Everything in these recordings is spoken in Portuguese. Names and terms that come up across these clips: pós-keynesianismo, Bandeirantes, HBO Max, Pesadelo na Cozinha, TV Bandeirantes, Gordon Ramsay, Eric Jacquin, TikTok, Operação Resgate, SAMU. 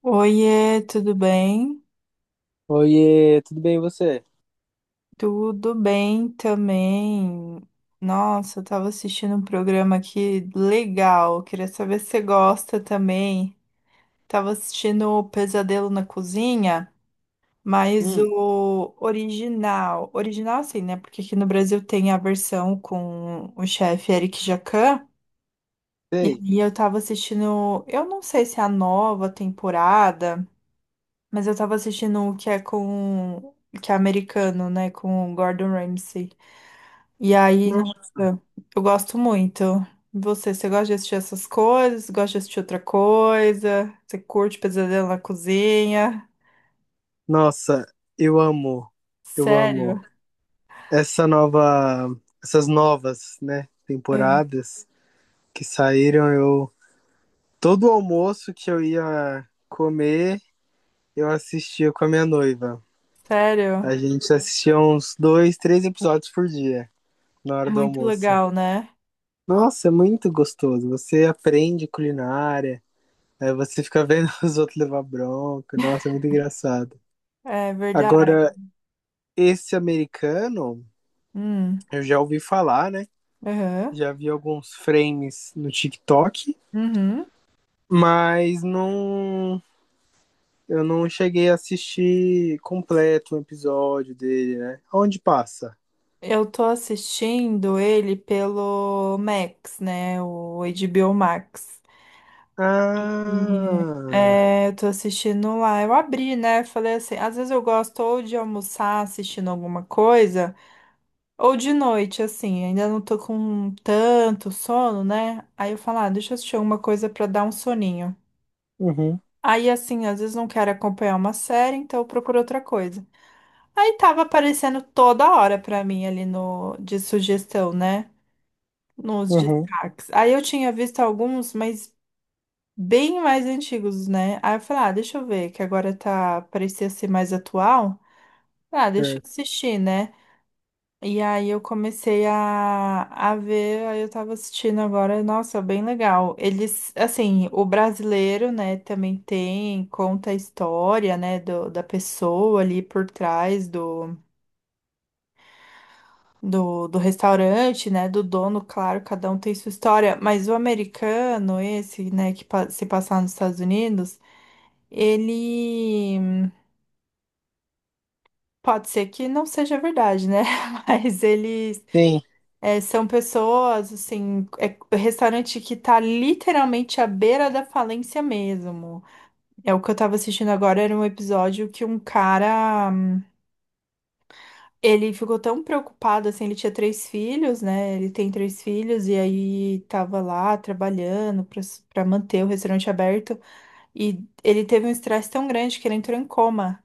Oiê, tudo bem? Oiê, tudo bem e você? Tudo bem também. Nossa, eu tava assistindo um programa aqui legal. Queria saber se você gosta também. Tava assistindo o Pesadelo na Cozinha, mas Hum, o original. Original assim, né? Porque aqui no Brasil tem a versão com o chefe Eric Jacquin. E sei. aí eu tava assistindo, eu não sei se é a nova temporada. Mas eu tava assistindo o que é com. Que é americano, né? Com o Gordon Ramsay. E aí, Não. nossa, eu gosto muito. E você, você gosta de assistir essas coisas? Gosta de assistir outra coisa? Você curte Pesadelo na Cozinha? Nossa, eu amo, eu amo Sério? essa nova, essas novas, né, É. temporadas que saíram. Eu todo almoço que eu ia comer, eu assistia com a minha noiva. Sério? A gente assistia uns dois, três episódios por dia na É hora do muito almoço. legal, né? Nossa, é muito gostoso. Você aprende culinária, aí você fica vendo os outros levar bronca. Nossa, é muito engraçado. É verdade. Agora, esse americano, Hum, eu já ouvi falar, né? aham, Já vi alguns frames no TikTok, uhum. mas não. Eu não cheguei a assistir completo o um episódio dele, né? Onde passa? Eu tô assistindo ele pelo Max, né? O HBO Max. E, Ah. é, eu tô assistindo lá. Eu abri, né? Falei assim, às vezes eu gosto ou de almoçar assistindo alguma coisa, ou de noite, assim, ainda não tô com tanto sono, né? Aí eu falo, ah, deixa eu assistir alguma coisa pra dar um soninho. Uhum, Aí, assim, às vezes não quero acompanhar uma série, então eu procuro outra coisa. Aí tava aparecendo toda hora pra mim ali no, de sugestão, né? Nos uhum. destaques. Aí eu tinha visto alguns, mas. Bem mais antigos, né? Aí eu falei, ah, deixa eu ver, que agora tá, parecia ser mais atual. Ah, deixa eu Certo. assistir, né? E aí eu comecei a ver, aí eu tava assistindo agora, nossa, bem legal. Eles, assim, o brasileiro, né, também tem, conta a história, né, do, da pessoa ali por trás do restaurante, né? Do dono, claro, cada um tem sua história, mas o americano, esse, né, que pa- se passar nos Estados Unidos, ele pode ser que não seja verdade, né? Mas eles Sim. é, são pessoas, assim, é restaurante que tá literalmente à beira da falência mesmo. É o que eu tava assistindo agora, era um episódio que um cara. Ele ficou tão preocupado, assim, ele tinha três filhos, né? Ele tem três filhos e aí tava lá trabalhando pra para manter o restaurante aberto e ele teve um estresse tão grande que ele entrou em coma.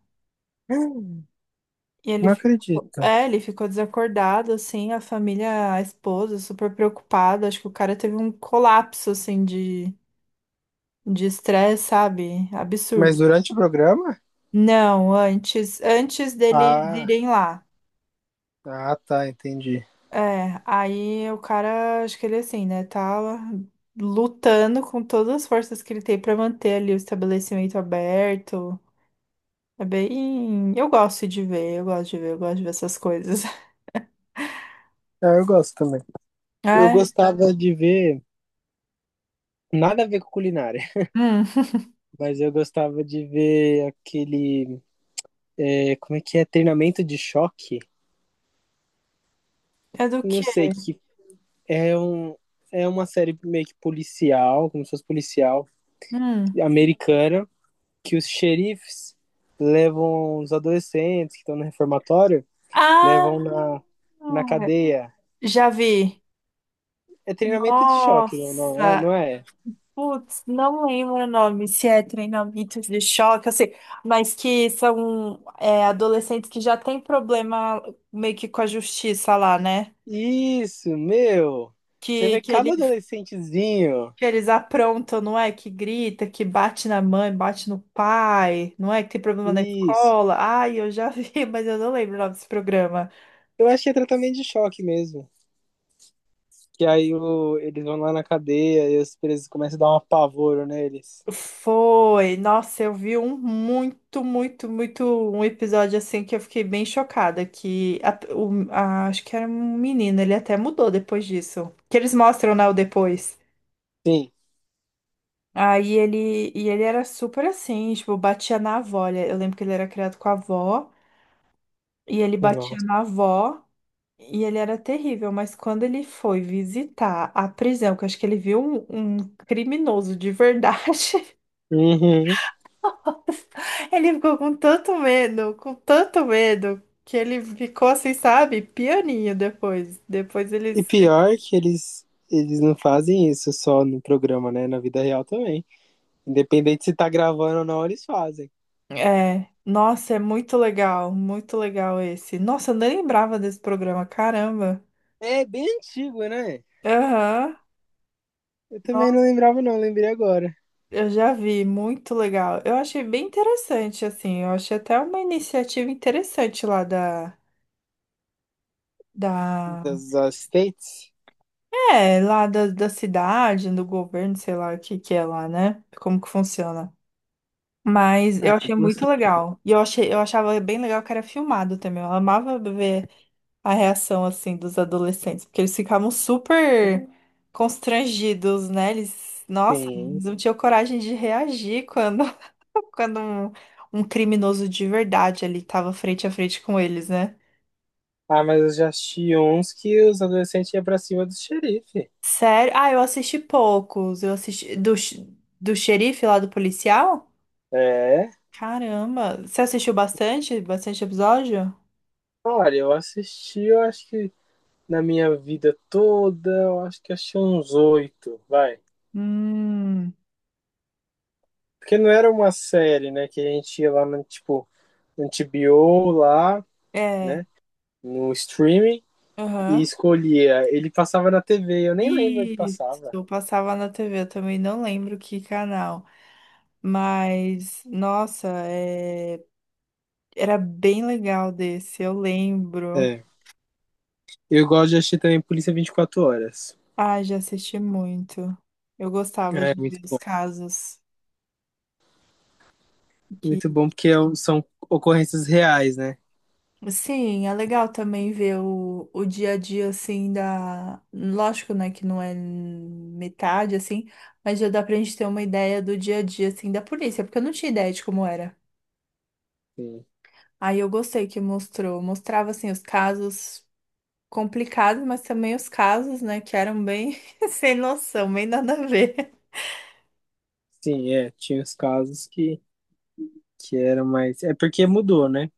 Hum. E ele Não ficou, acredito. é, ele ficou desacordado, assim, a família, a esposa, super preocupada. Acho que o cara teve um colapso, assim, de estresse, sabe? Mas Absurdo. durante o programa? Não, antes, antes deles Ah, irem lá. ah, tá, entendi. É, aí o cara, acho que ele assim, né, tá lutando com todas as forças que ele tem pra manter ali o estabelecimento aberto. É bem. Eu gosto de ver, eu gosto de ver, eu gosto de ver essas coisas. Ah, eu gosto também. Eu É? gostava de ver, nada a ver com culinária, Hum. mas eu gostava de ver aquele, é, como é que é? Treinamento de choque? É do Não quê? sei, que, é, um, é uma série meio que policial, como se fosse policial, Hum. americana, que os xerifes levam os adolescentes que estão no reformatório, levam Ah! na cadeia. Já vi. É treinamento de choque, não, Nossa! não é? Putz, não lembro o nome, se é treinamentos de choque, assim, mas que são é, adolescentes que já têm problema meio que com a justiça lá, né? Isso, meu! Você Que, vê que, cada eles, adolescentezinho. que eles aprontam, não é? Que grita, que bate na mãe, bate no pai, não é? Que tem problema na Isso. escola. Ai, eu já vi, mas eu não lembro o nome desse programa. Eu acho que é tratamento de choque mesmo. Que aí eles vão lá na cadeia e os presos começam a dar um apavoro neles. Foi, nossa, eu vi um muito, muito, muito, um episódio assim que eu fiquei bem chocada, que a- o- a- acho que era um menino, ele até mudou depois disso. Que eles mostram, né, o depois. Sim. Aí ele, e ele era super assim, tipo, batia na avó. Ele- Eu lembro que ele era criado com a avó, e ele batia Nossa. na avó. E ele era terrível, mas quando ele foi visitar a prisão, que eu acho que ele viu um criminoso de verdade, Uhum. ele ficou com tanto medo, que ele ficou assim, sabe, pianinho depois. Depois E eles. pior que eles não fazem isso só no programa, né? Na vida real também. Independente se tá gravando ou não, eles fazem. É, nossa, é muito legal esse. Nossa, eu nem lembrava desse programa, caramba. É bem antigo, né? Aham. Eu também não Nossa, lembrava, não, lembrei agora. eu já vi, muito legal. Eu achei bem interessante, assim. Eu achei até uma iniciativa interessante lá da, da. Das States? É, lá da, da cidade, do governo, sei lá o que que é lá, né? Como que funciona. Mas Ah, eu eu achei muito gosto legal. E eu achei, eu achava bem legal que era filmado também. Eu amava ver a reação, assim, dos adolescentes. Porque eles ficavam super constrangidos, né? Eles, nossa, sim. eles não tinham coragem de reagir quando, quando um criminoso de verdade ali tava frente a frente com eles, né? Ah, mas eu já assisti uns que os adolescentes iam pra cima do xerife. Sério? Ah, eu assisti poucos. Eu assisti do, x- do xerife lá do policial? É. Caramba, você assistiu bastante? Bastante episódio? Olha, eu assisti, eu acho que na minha vida toda, eu acho que achei uns oito, vai. Hum, Porque não era uma série, né? Que a gente ia lá no, tipo, no TBO lá, é. né? No streaming e Aham. escolhia. Ele passava na TV, eu nem lembro onde Isso, passava. eu passava na TV, eu também não lembro que canal. Mas, nossa, é, era bem legal desse, eu lembro. É. Eu gosto de assistir também Polícia 24 Horas. Ah, já assisti muito. Eu gostava É, de muito ver os bom. casos que. Muito bom, porque são ocorrências reais, né? Sim, é legal também ver o dia a dia assim da. Lógico, né, que não é metade assim, mas já dá pra gente ter uma ideia do dia a dia assim da polícia, porque eu não tinha ideia de como era. Sim, Aí eu gostei que mostrou, mostrava assim os casos complicados, mas também os casos, né, que eram bem sem noção, bem nada a ver. sim é. Tinha os casos que eram mais. É porque mudou, né?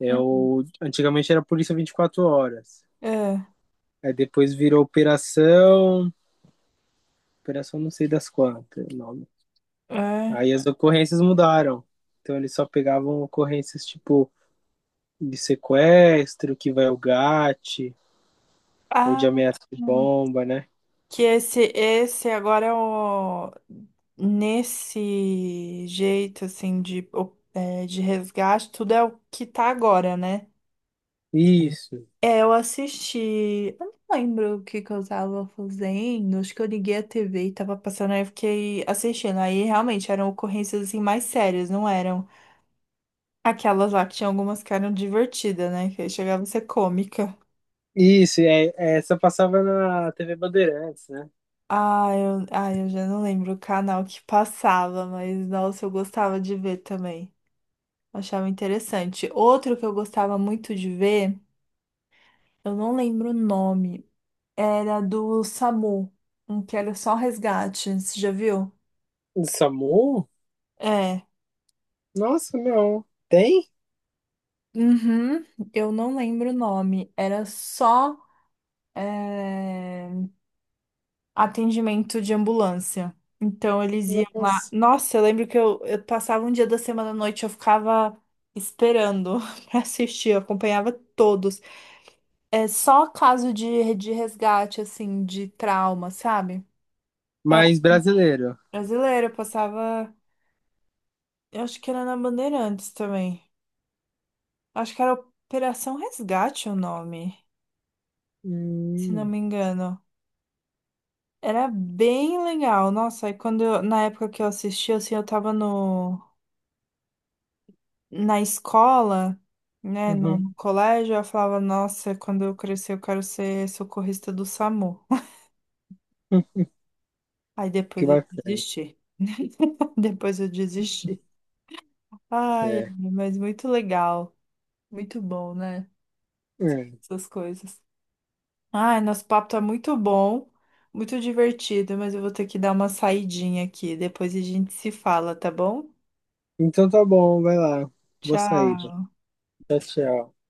É o... Antigamente era Polícia 24 Horas. É, Aí depois virou Operação. Operação não sei das quantas. Não. é. Aí as ocorrências mudaram. Então eles só pegavam ocorrências tipo de sequestro, que vai o GAT, ou de Ah. ameaça de bomba, né? Que esse agora é o. Nesse jeito, assim, de, o- é, de resgate, tudo é o que tá agora, né? Isso. É, eu assisti. Eu não lembro o que que eu tava fazendo. Acho que eu liguei a TV e tava passando, aí eu fiquei assistindo. Aí realmente eram ocorrências assim mais sérias, não eram aquelas lá que tinha algumas que eram divertidas, né? Que aí chegava a ser cômica. Isso, é, essa passava na TV Bandeirantes, né? Ah, eu já não lembro o canal que passava, mas nossa, eu gostava de ver também. Achava interessante. Outro que eu gostava muito de ver, eu não lembro o nome, era do SAMU, um que era só resgate, você já viu? Do SAMU? É. Nossa, não. Tem? Uhum, eu não lembro o nome, era só é, atendimento de ambulância. Então eles iam lá. Nossa. Nossa, eu lembro que eu passava um dia da semana à noite, eu ficava esperando pra assistir, eu acompanhava todos. É só caso de resgate, assim, de trauma, sabe? Era Mas brasileiro. brasileira, passava. Eu acho que era na Bandeirantes também. Acho que era Operação Resgate o nome, se não Hum, me engano. Era bem legal. Nossa, aí quando eu- na época que eu assisti, assim, eu tava no, na escola, né, no, uhum. no colégio, eu falava, nossa, quando eu crescer eu quero ser socorrista do SAMU. Hum, Aí que depois eu bacana. desisti. Depois eu desisti. Ai, É. mas muito legal. Muito bom, né? É. Essas coisas. Ai, nosso papo tá muito bom, muito divertido, mas eu vou ter que dar uma saidinha aqui. Depois a gente se fala, tá bom? Então tá bom, vai lá. Vou sair. Tchau. Né? Tchau, tchau.